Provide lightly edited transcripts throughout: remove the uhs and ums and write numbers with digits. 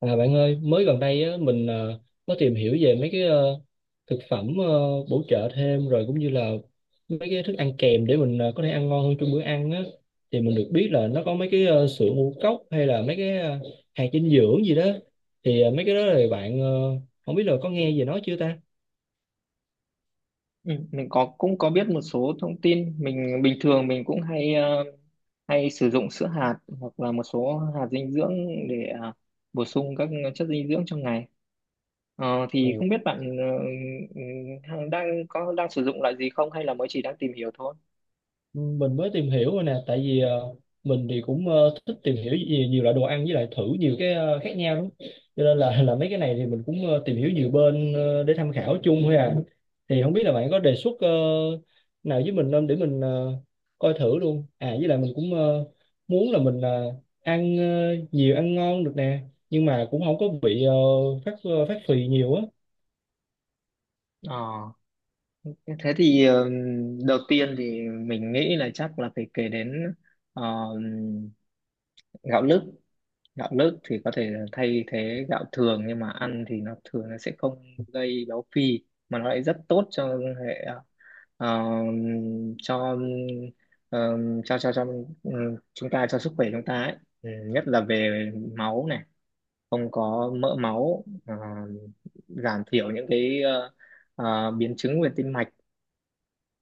À, bạn ơi, mới gần đây á, mình có tìm hiểu về mấy cái thực phẩm bổ trợ thêm, rồi cũng như là mấy cái thức ăn kèm để mình có thể ăn ngon hơn trong bữa ăn á. Thì mình được biết là nó có mấy cái sữa ngũ cốc hay là mấy cái hạt dinh dưỡng gì đó. Thì mấy cái đó thì bạn không biết là có nghe về nó chưa ta? Ừ, mình có, cũng có biết một số thông tin. Mình bình thường mình cũng hay sử dụng sữa hạt hoặc là một số hạt dinh dưỡng để bổ sung các chất dinh dưỡng trong ngày. Thì không biết bạn ừ, đang sử dụng loại gì không, hay là mới chỉ đang tìm hiểu thôi? Mình mới tìm hiểu rồi nè, tại vì mình thì cũng thích tìm hiểu nhiều loại đồ ăn, với lại thử nhiều cái khác nhau lắm, cho nên là là mấy cái này thì mình cũng tìm hiểu nhiều bên để tham khảo chung thôi à. Thì không biết là bạn có đề xuất nào với mình không, để mình coi thử luôn à. Với lại mình cũng muốn là mình ăn nhiều, ăn ngon được nè, nhưng mà cũng không có bị phát phì nhiều á. Ờ, Thế thì đầu tiên thì mình nghĩ là chắc là phải kể đến ờ, gạo lứt. Gạo lứt thì có thể là thay thế gạo thường, nhưng mà ăn thì nó thường nó sẽ không gây béo phì mà nó lại rất tốt cho hệ ờ, cho ờ, cho cho cho ừ, chúng ta, cho sức khỏe chúng ta ấy. Nhất là về máu này, không có mỡ máu, giảm thiểu những cái biến chứng về tim mạch.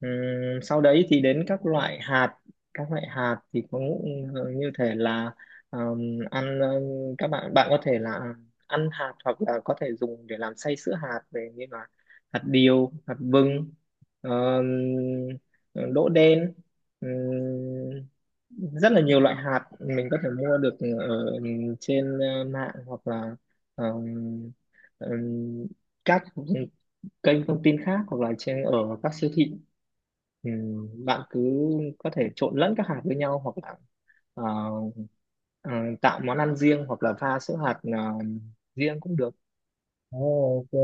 Ừm, Sau đấy thì đến các loại hạt. Các loại hạt thì có như thể là, ăn, các bạn bạn có thể là ăn hạt hoặc là có thể dùng để làm xay sữa hạt về, như là hạt điều, hạt vừng, đỗ đen, rất là nhiều loại hạt mình có thể mua được ở trên mạng hoặc là ừm, ừm, các kênh thông tin khác, hoặc là trên ở các siêu thị. Ừ, Bạn cứ có thể trộn lẫn các hạt với nhau hoặc là ờ, ờ, tạo món ăn riêng, hoặc là pha sữa hạt riêng cũng được. Ồ, ok.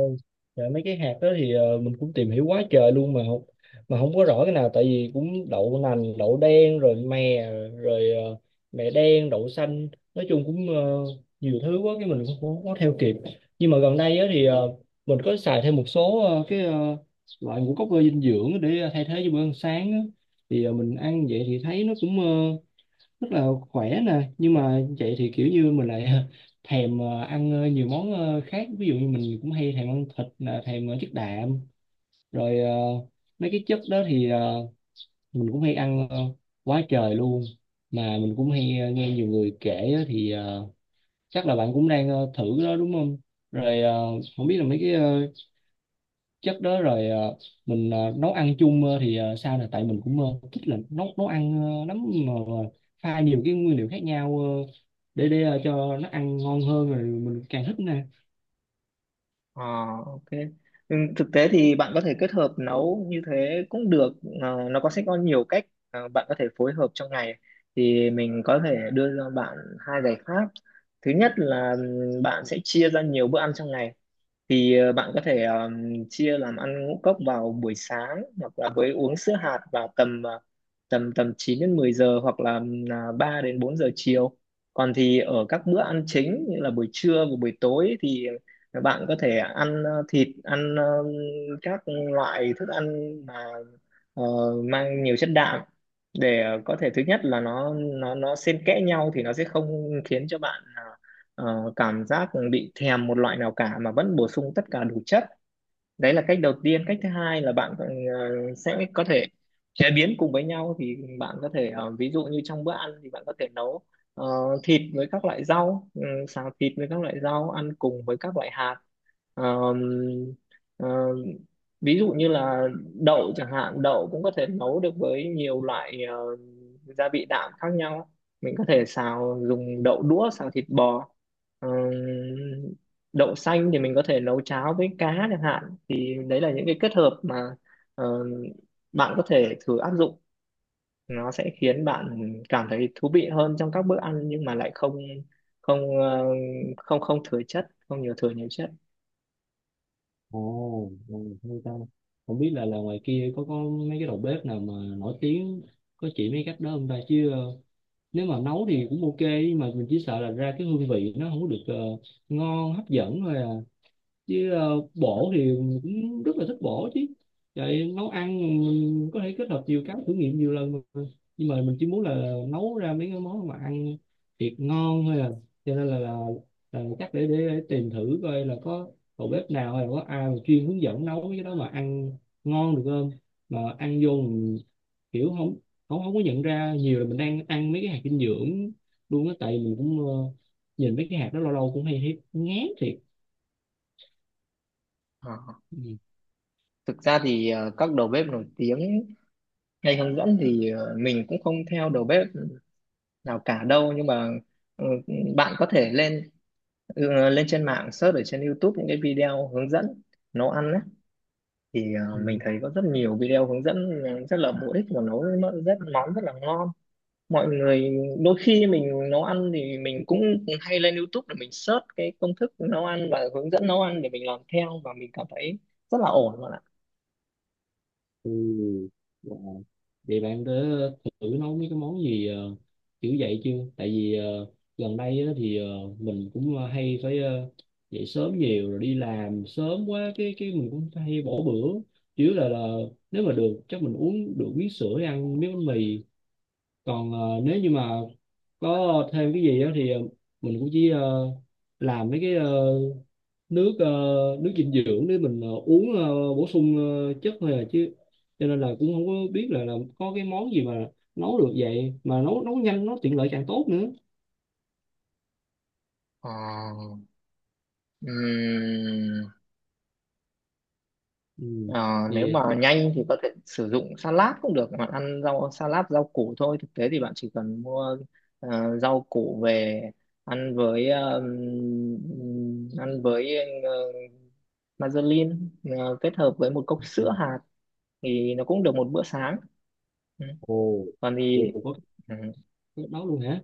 Dạ, mấy cái hạt đó thì mình cũng tìm hiểu quá trời luôn, mà không có rõ cái nào, tại vì cũng đậu nành, đậu đen, rồi rồi ờ, mè đen, đậu xanh, nói chung cũng nhiều thứ quá, cái mình cũng không có theo kịp. Nhưng mà gần đây á thì mình có xài thêm một số cái loại ngũ cốc dinh dưỡng để thay thế cho bữa ăn sáng á. Thì mình ăn vậy thì thấy nó cũng rất là khỏe nè, nhưng mà vậy thì kiểu như mình lại thèm ăn nhiều món khác, ví dụ như mình cũng hay thèm ăn thịt nè, thèm chất đạm, rồi mấy cái chất đó thì mình cũng hay ăn quá trời luôn. Mà mình cũng hay nghe nhiều người kể á, thì chắc là bạn cũng đang thử cái đó đúng không? Rồi không biết là mấy cái chất đó rồi mình nấu ăn chung thì sao nè, tại mình cũng thích là nấu nấu ăn lắm, nhưng mà pha nhiều cái nguyên liệu khác nhau để cho nó ăn ngon hơn rồi mình càng thích nè. Ờ, ok. Ừ, thực tế thì bạn có thể kết hợp nấu như thế cũng được. Nó có sẽ có nhiều cách, bạn có thể phối hợp trong ngày. Thì mình có thể đưa cho bạn hai giải pháp. Thứ nhất là bạn sẽ chia ra nhiều bữa ăn trong ngày. Thì bạn có thể chia làm ăn ngũ cốc vào buổi sáng hoặc là với uống sữa hạt vào tầm ờ, tầm tầm 9 đến 10 giờ, hoặc là là 3 đến 4 giờ chiều. Còn thì ở các bữa ăn chính, như là buổi trưa và buổi tối, thì bạn có thể ăn thịt, ăn các loại thức ăn mà ờ, mang nhiều chất đạm, để có thể, thứ nhất là nó xen kẽ nhau thì nó sẽ không khiến cho bạn cảm giác bị thèm một loại nào cả, mà vẫn bổ sung tất cả đủ chất. Đấy là cách đầu tiên. Cách thứ hai là bạn sẽ có thể chế biến cùng với nhau. Thì bạn có thể, ví dụ như trong bữa ăn thì bạn có thể nấu ờ, thịt với các loại rau, xào thịt với các loại rau ăn cùng với các loại hạt. Ờm, ờ, Ví dụ như là đậu chẳng hạn, đậu cũng có thể nấu được với nhiều loại gia vị đạm khác nhau. Mình có thể xào, dùng đậu đũa xào thịt bò. Ờm, Đậu xanh thì mình có thể nấu cháo với cá chẳng hạn. Thì đấy là những cái kết hợp mà ờ, bạn có thể thử áp dụng. Nó sẽ khiến bạn cảm thấy thú vị hơn trong các bữa ăn, nhưng mà lại không không ờ, không không thừa chất, không nhiều thừa nhiều chất. Ồ, ồ, hay ta. Không biết là ngoài kia có mấy cái đầu bếp nào mà nổi tiếng có chỉ mấy cách đó không ta, chứ nếu mà nấu thì cũng ok, nhưng mà mình chỉ sợ là ra cái hương vị nó không có được ngon hấp dẫn thôi à. Chứ bổ thì mình cũng rất là thích bổ chứ, vậy nấu ăn mình có thể kết hợp nhiều cái, thử nghiệm nhiều lần mà. Nhưng mà mình chỉ muốn là nấu ra mấy cái món mà ăn thiệt ngon thôi à, cho nên là chắc để tìm thử coi là có đầu bếp nào hay là có ai mà chuyên hướng dẫn nấu cái đó mà ăn ngon được không, mà ăn vô mình kiểu không không không có nhận ra nhiều là mình đang ăn mấy cái hạt dinh dưỡng luôn á, tại mình cũng nhìn mấy cái hạt đó lâu lâu cũng hay thấy ngán thiệt. Ờ. Ừ. Thực ra thì các đầu bếp nổi tiếng hay hướng dẫn thì mình cũng không theo đầu bếp nào cả đâu, nhưng mà ờ, bạn có thể lên, lên trên mạng search ở trên YouTube những cái video hướng dẫn nấu ăn. Thì mình Ừ. thấy có rất nhiều video hướng dẫn rất là bổ ích, và nấu nó rất món rất là ngon. Mọi người, đôi khi mình nấu ăn thì mình cũng hay lên YouTube để mình search cái công thức nấu ăn và hướng dẫn nấu ăn để mình làm theo, và mình cảm thấy rất là ổn, bạn ạ. Ừ. Wow. Vậy bạn đã thử nấu mấy cái món gì kiểu vậy chưa? Tại vì gần đây á, thì mình cũng hay phải dậy sớm nhiều rồi đi làm sớm quá, cái mình cũng hay bỏ bữa. Chủ yếu là nếu mà được chắc mình uống được miếng sữa, ăn miếng bánh mì. Còn nếu như mà có thêm cái gì á thì mình cũng chỉ làm mấy cái nước ờ, nước dinh dưỡng để mình uống bổ sung chất thôi à, chứ cho nên là cũng không có biết là có cái món gì mà nấu được vậy, mà nấu nấu nhanh nó tiện lợi càng tốt nữa. Ờ, ừm, Ừ, ờ, Nếu thì mà nhanh thì có thể sử dụng salad cũng được. Bạn ăn rau salad, rau củ thôi. Thực tế thì bạn chỉ cần mua rau củ về, ăn với, ăn với ờ, Mazerlin, kết hợp với một cốc ừ, sữa hạt thì nó cũng được một bữa sáng. ừ. ồ, Còn thì, ồ, có ừ, cái đó luôn hả?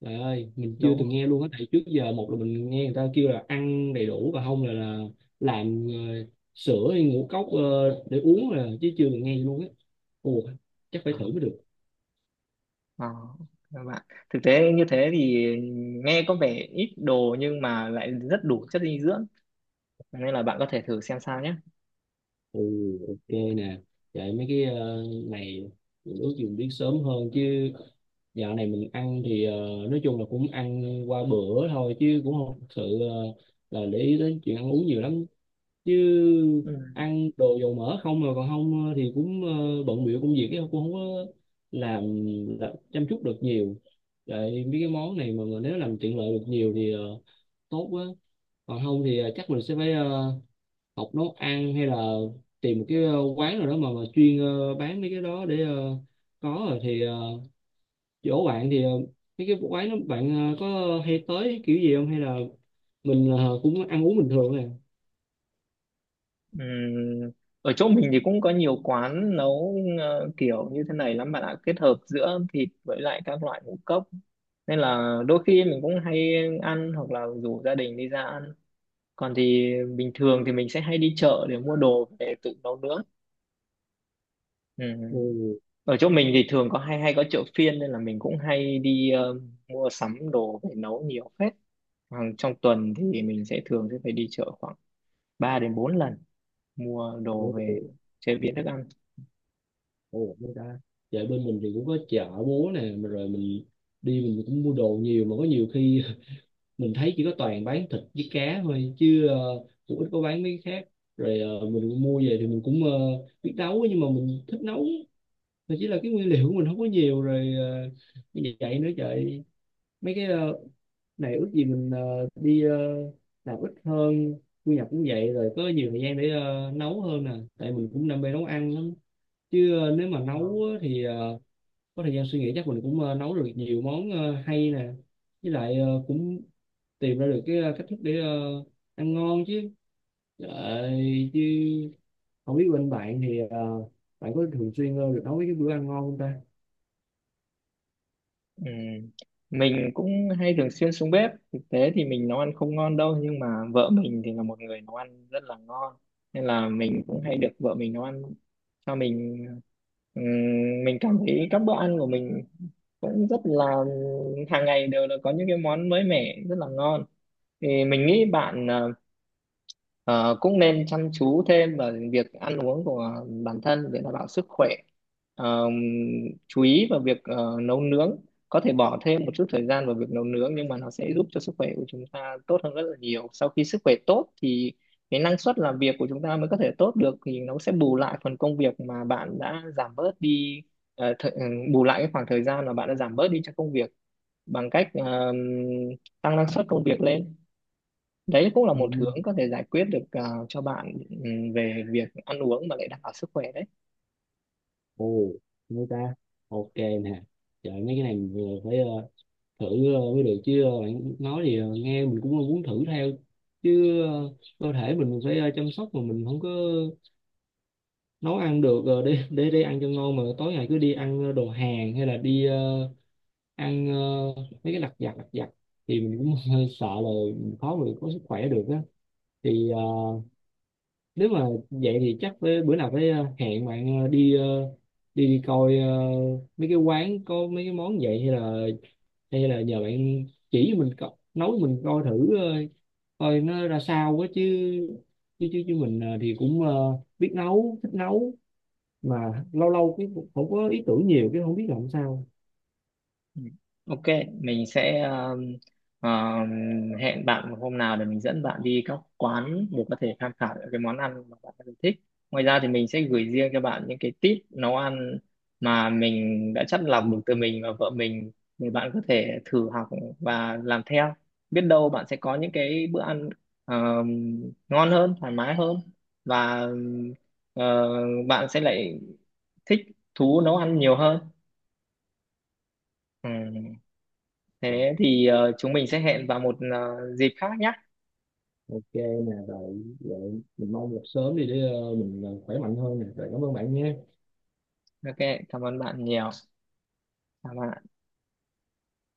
Trời ơi, mình chưa đúng từng rồi. nghe luôn á, tại trước giờ một là mình nghe người ta kêu là ăn đầy đủ, và không là làm sữa hay ngũ cốc để uống, là chứ chưa từng nghe luôn á. Ồ, chắc phải Ờ, thử mới được. ờ, các bạn, thực tế như thế thì nghe có vẻ ít đồ nhưng mà lại rất đủ chất dinh dưỡng, nên là bạn có thể thử xem sao nhé. Ừ, ok nè, vậy mấy cái này mình ước gì mình biết sớm hơn. Chứ dạo này mình ăn thì nói chung là cũng ăn qua bữa thôi, chứ cũng không thực sự ờ, là để ý đến chuyện ăn uống nhiều lắm, chứ Ừ. ăn đồ dầu mỡ không mà còn không thì cũng bận bịu công việc ấy, cũng không có làm, làm chăm chút được nhiều. Vậy mấy cái món này mà, nếu làm tiện lợi được nhiều thì tốt quá, còn không thì chắc mình sẽ phải học nấu ăn, hay là tìm một cái quán nào đó mà, chuyên bán mấy cái đó để có. Rồi thì chỗ bạn thì mấy cái quán đó bạn có hay tới kiểu gì không, hay là mình cũng ăn uống bình thường nè? Ừ. Ở chỗ mình thì cũng có nhiều quán nấu kiểu như thế này lắm, bạn ạ. Kết hợp giữa thịt với lại các loại ngũ cốc, nên là đôi khi mình cũng hay ăn, hoặc là rủ gia đình đi ra ăn. Còn thì bình thường thì mình sẽ hay đi chợ để mua đồ về tự nấu nướng. Ừ. Ừ, Ở chỗ mình thì thường có hay hay có chợ phiên, nên là mình cũng hay đi mua sắm đồ về nấu nhiều phết. Hàng trong tuần thì mình sẽ thường sẽ phải đi chợ khoảng 3 đến 4 lần, mua đồ về ồ, chế biến thức ăn. ồ, người ta. Dạ, bên mình thì cũng có chợ búa nè, mà rồi mình đi mình cũng mua đồ nhiều, mà có nhiều khi mình thấy chỉ có toàn bán thịt với cá thôi, chứ cũng ít có bán mấy cái khác. Rồi mình mua về thì mình cũng biết nấu, nhưng mà mình thích nấu thì chỉ là cái nguyên liệu của mình không có nhiều, rồi như vậy nữa. Trời, mấy cái này ước gì mình đi làm ít hơn, thu nhập cũng vậy, rồi có nhiều thời gian để nấu hơn nè, tại mình cũng đam mê nấu ăn lắm chứ. Ờ, Nếu mà Ờ. nấu á thì có thời gian suy nghĩ chắc mình cũng nấu được nhiều món hay nè, với lại cũng tìm ra được cái cách thức để ăn ngon chứ. Trời, chứ không biết bên bạn thì bạn có thường xuyên được nấu mấy cái bữa ăn ngon không ta? Ừ. Mình cũng hay thường xuyên xuống bếp. Thực tế thì mình nấu ăn không ngon đâu, nhưng mà vợ mình thì là một người nấu ăn rất là ngon, nên là mình cũng hay được vợ mình nấu ăn cho mình. Ừm, mình cảm thấy các bữa ăn của mình cũng rất là, hàng ngày đều là có những cái món mới mẻ rất là ngon. Thì mình nghĩ bạn Ờ, cũng nên chăm chú thêm vào việc ăn uống của bản thân để đảm bảo sức khỏe. Ờ, chú ý vào việc nấu nướng, có thể bỏ thêm một chút thời gian vào việc nấu nướng, nhưng mà nó sẽ giúp cho sức khỏe của chúng ta tốt hơn rất là nhiều. Sau khi sức khỏe tốt thì cái năng suất làm việc của chúng ta mới có thể tốt được, thì nó sẽ bù lại phần công việc mà bạn đã giảm bớt đi, ờ, thời- ừ, bù lại cái khoảng thời gian mà bạn đã giảm bớt đi cho công việc, bằng cách tăng năng suất công việc lên. Đấy cũng là Ừ, một hướng có thể giải quyết được cho bạn, về việc ăn uống mà lại đảm bảo sức khỏe đấy. ồ, mấy ta, ok nè. Trời, mấy cái này mình vừa phải thử mới được, chứ bạn nói gì nghe mình cũng muốn thử theo. Chứ cơ thể mình phải chăm sóc, mà mình không có nấu ăn được để ăn cho ngon, mà tối ngày cứ đi ăn đồ Hàn, hay là đi ăn mấy cái lặt vặt lặt vặt, thì mình cũng hơi sợ là mình khó mà có sức khỏe được á. Thì nếu mà vậy thì chắc với bữa nào phải hẹn bạn đi đi đi coi mấy cái quán có mấy cái món vậy, hay là nhờ bạn chỉ mình nấu mình coi thử coi nó ra sao quá, chứ chứ mình thì cũng biết nấu, thích nấu, mà lâu lâu cái cũng không có ý tưởng nhiều, cái không biết làm sao. Ừ. Ok, mình sẽ um, hẹn bạn một hôm nào để mình dẫn bạn đi các quán để có thể tham khảo những cái món ăn mà bạn đang thích. Ngoài ra thì mình sẽ gửi riêng cho bạn những cái tip nấu ăn mà mình đã chắt lọc được từ mình và vợ mình, để bạn có thể thử học và làm theo. Biết đâu bạn sẽ có những cái bữa ăn um, ngon hơn, thoải mái hơn, và ờ, bạn sẽ lại thích thú nấu ăn nhiều hơn. Ừ. Thế thì chúng mình sẽ hẹn vào một dịp khác nhé. Ok nè, rồi vậy mình mong gặp sớm đi để mình khỏe mạnh hơn nè, rồi cảm ơn bạn nha. Ok, cảm ơn bạn nhiều. Cảm ơn ạ.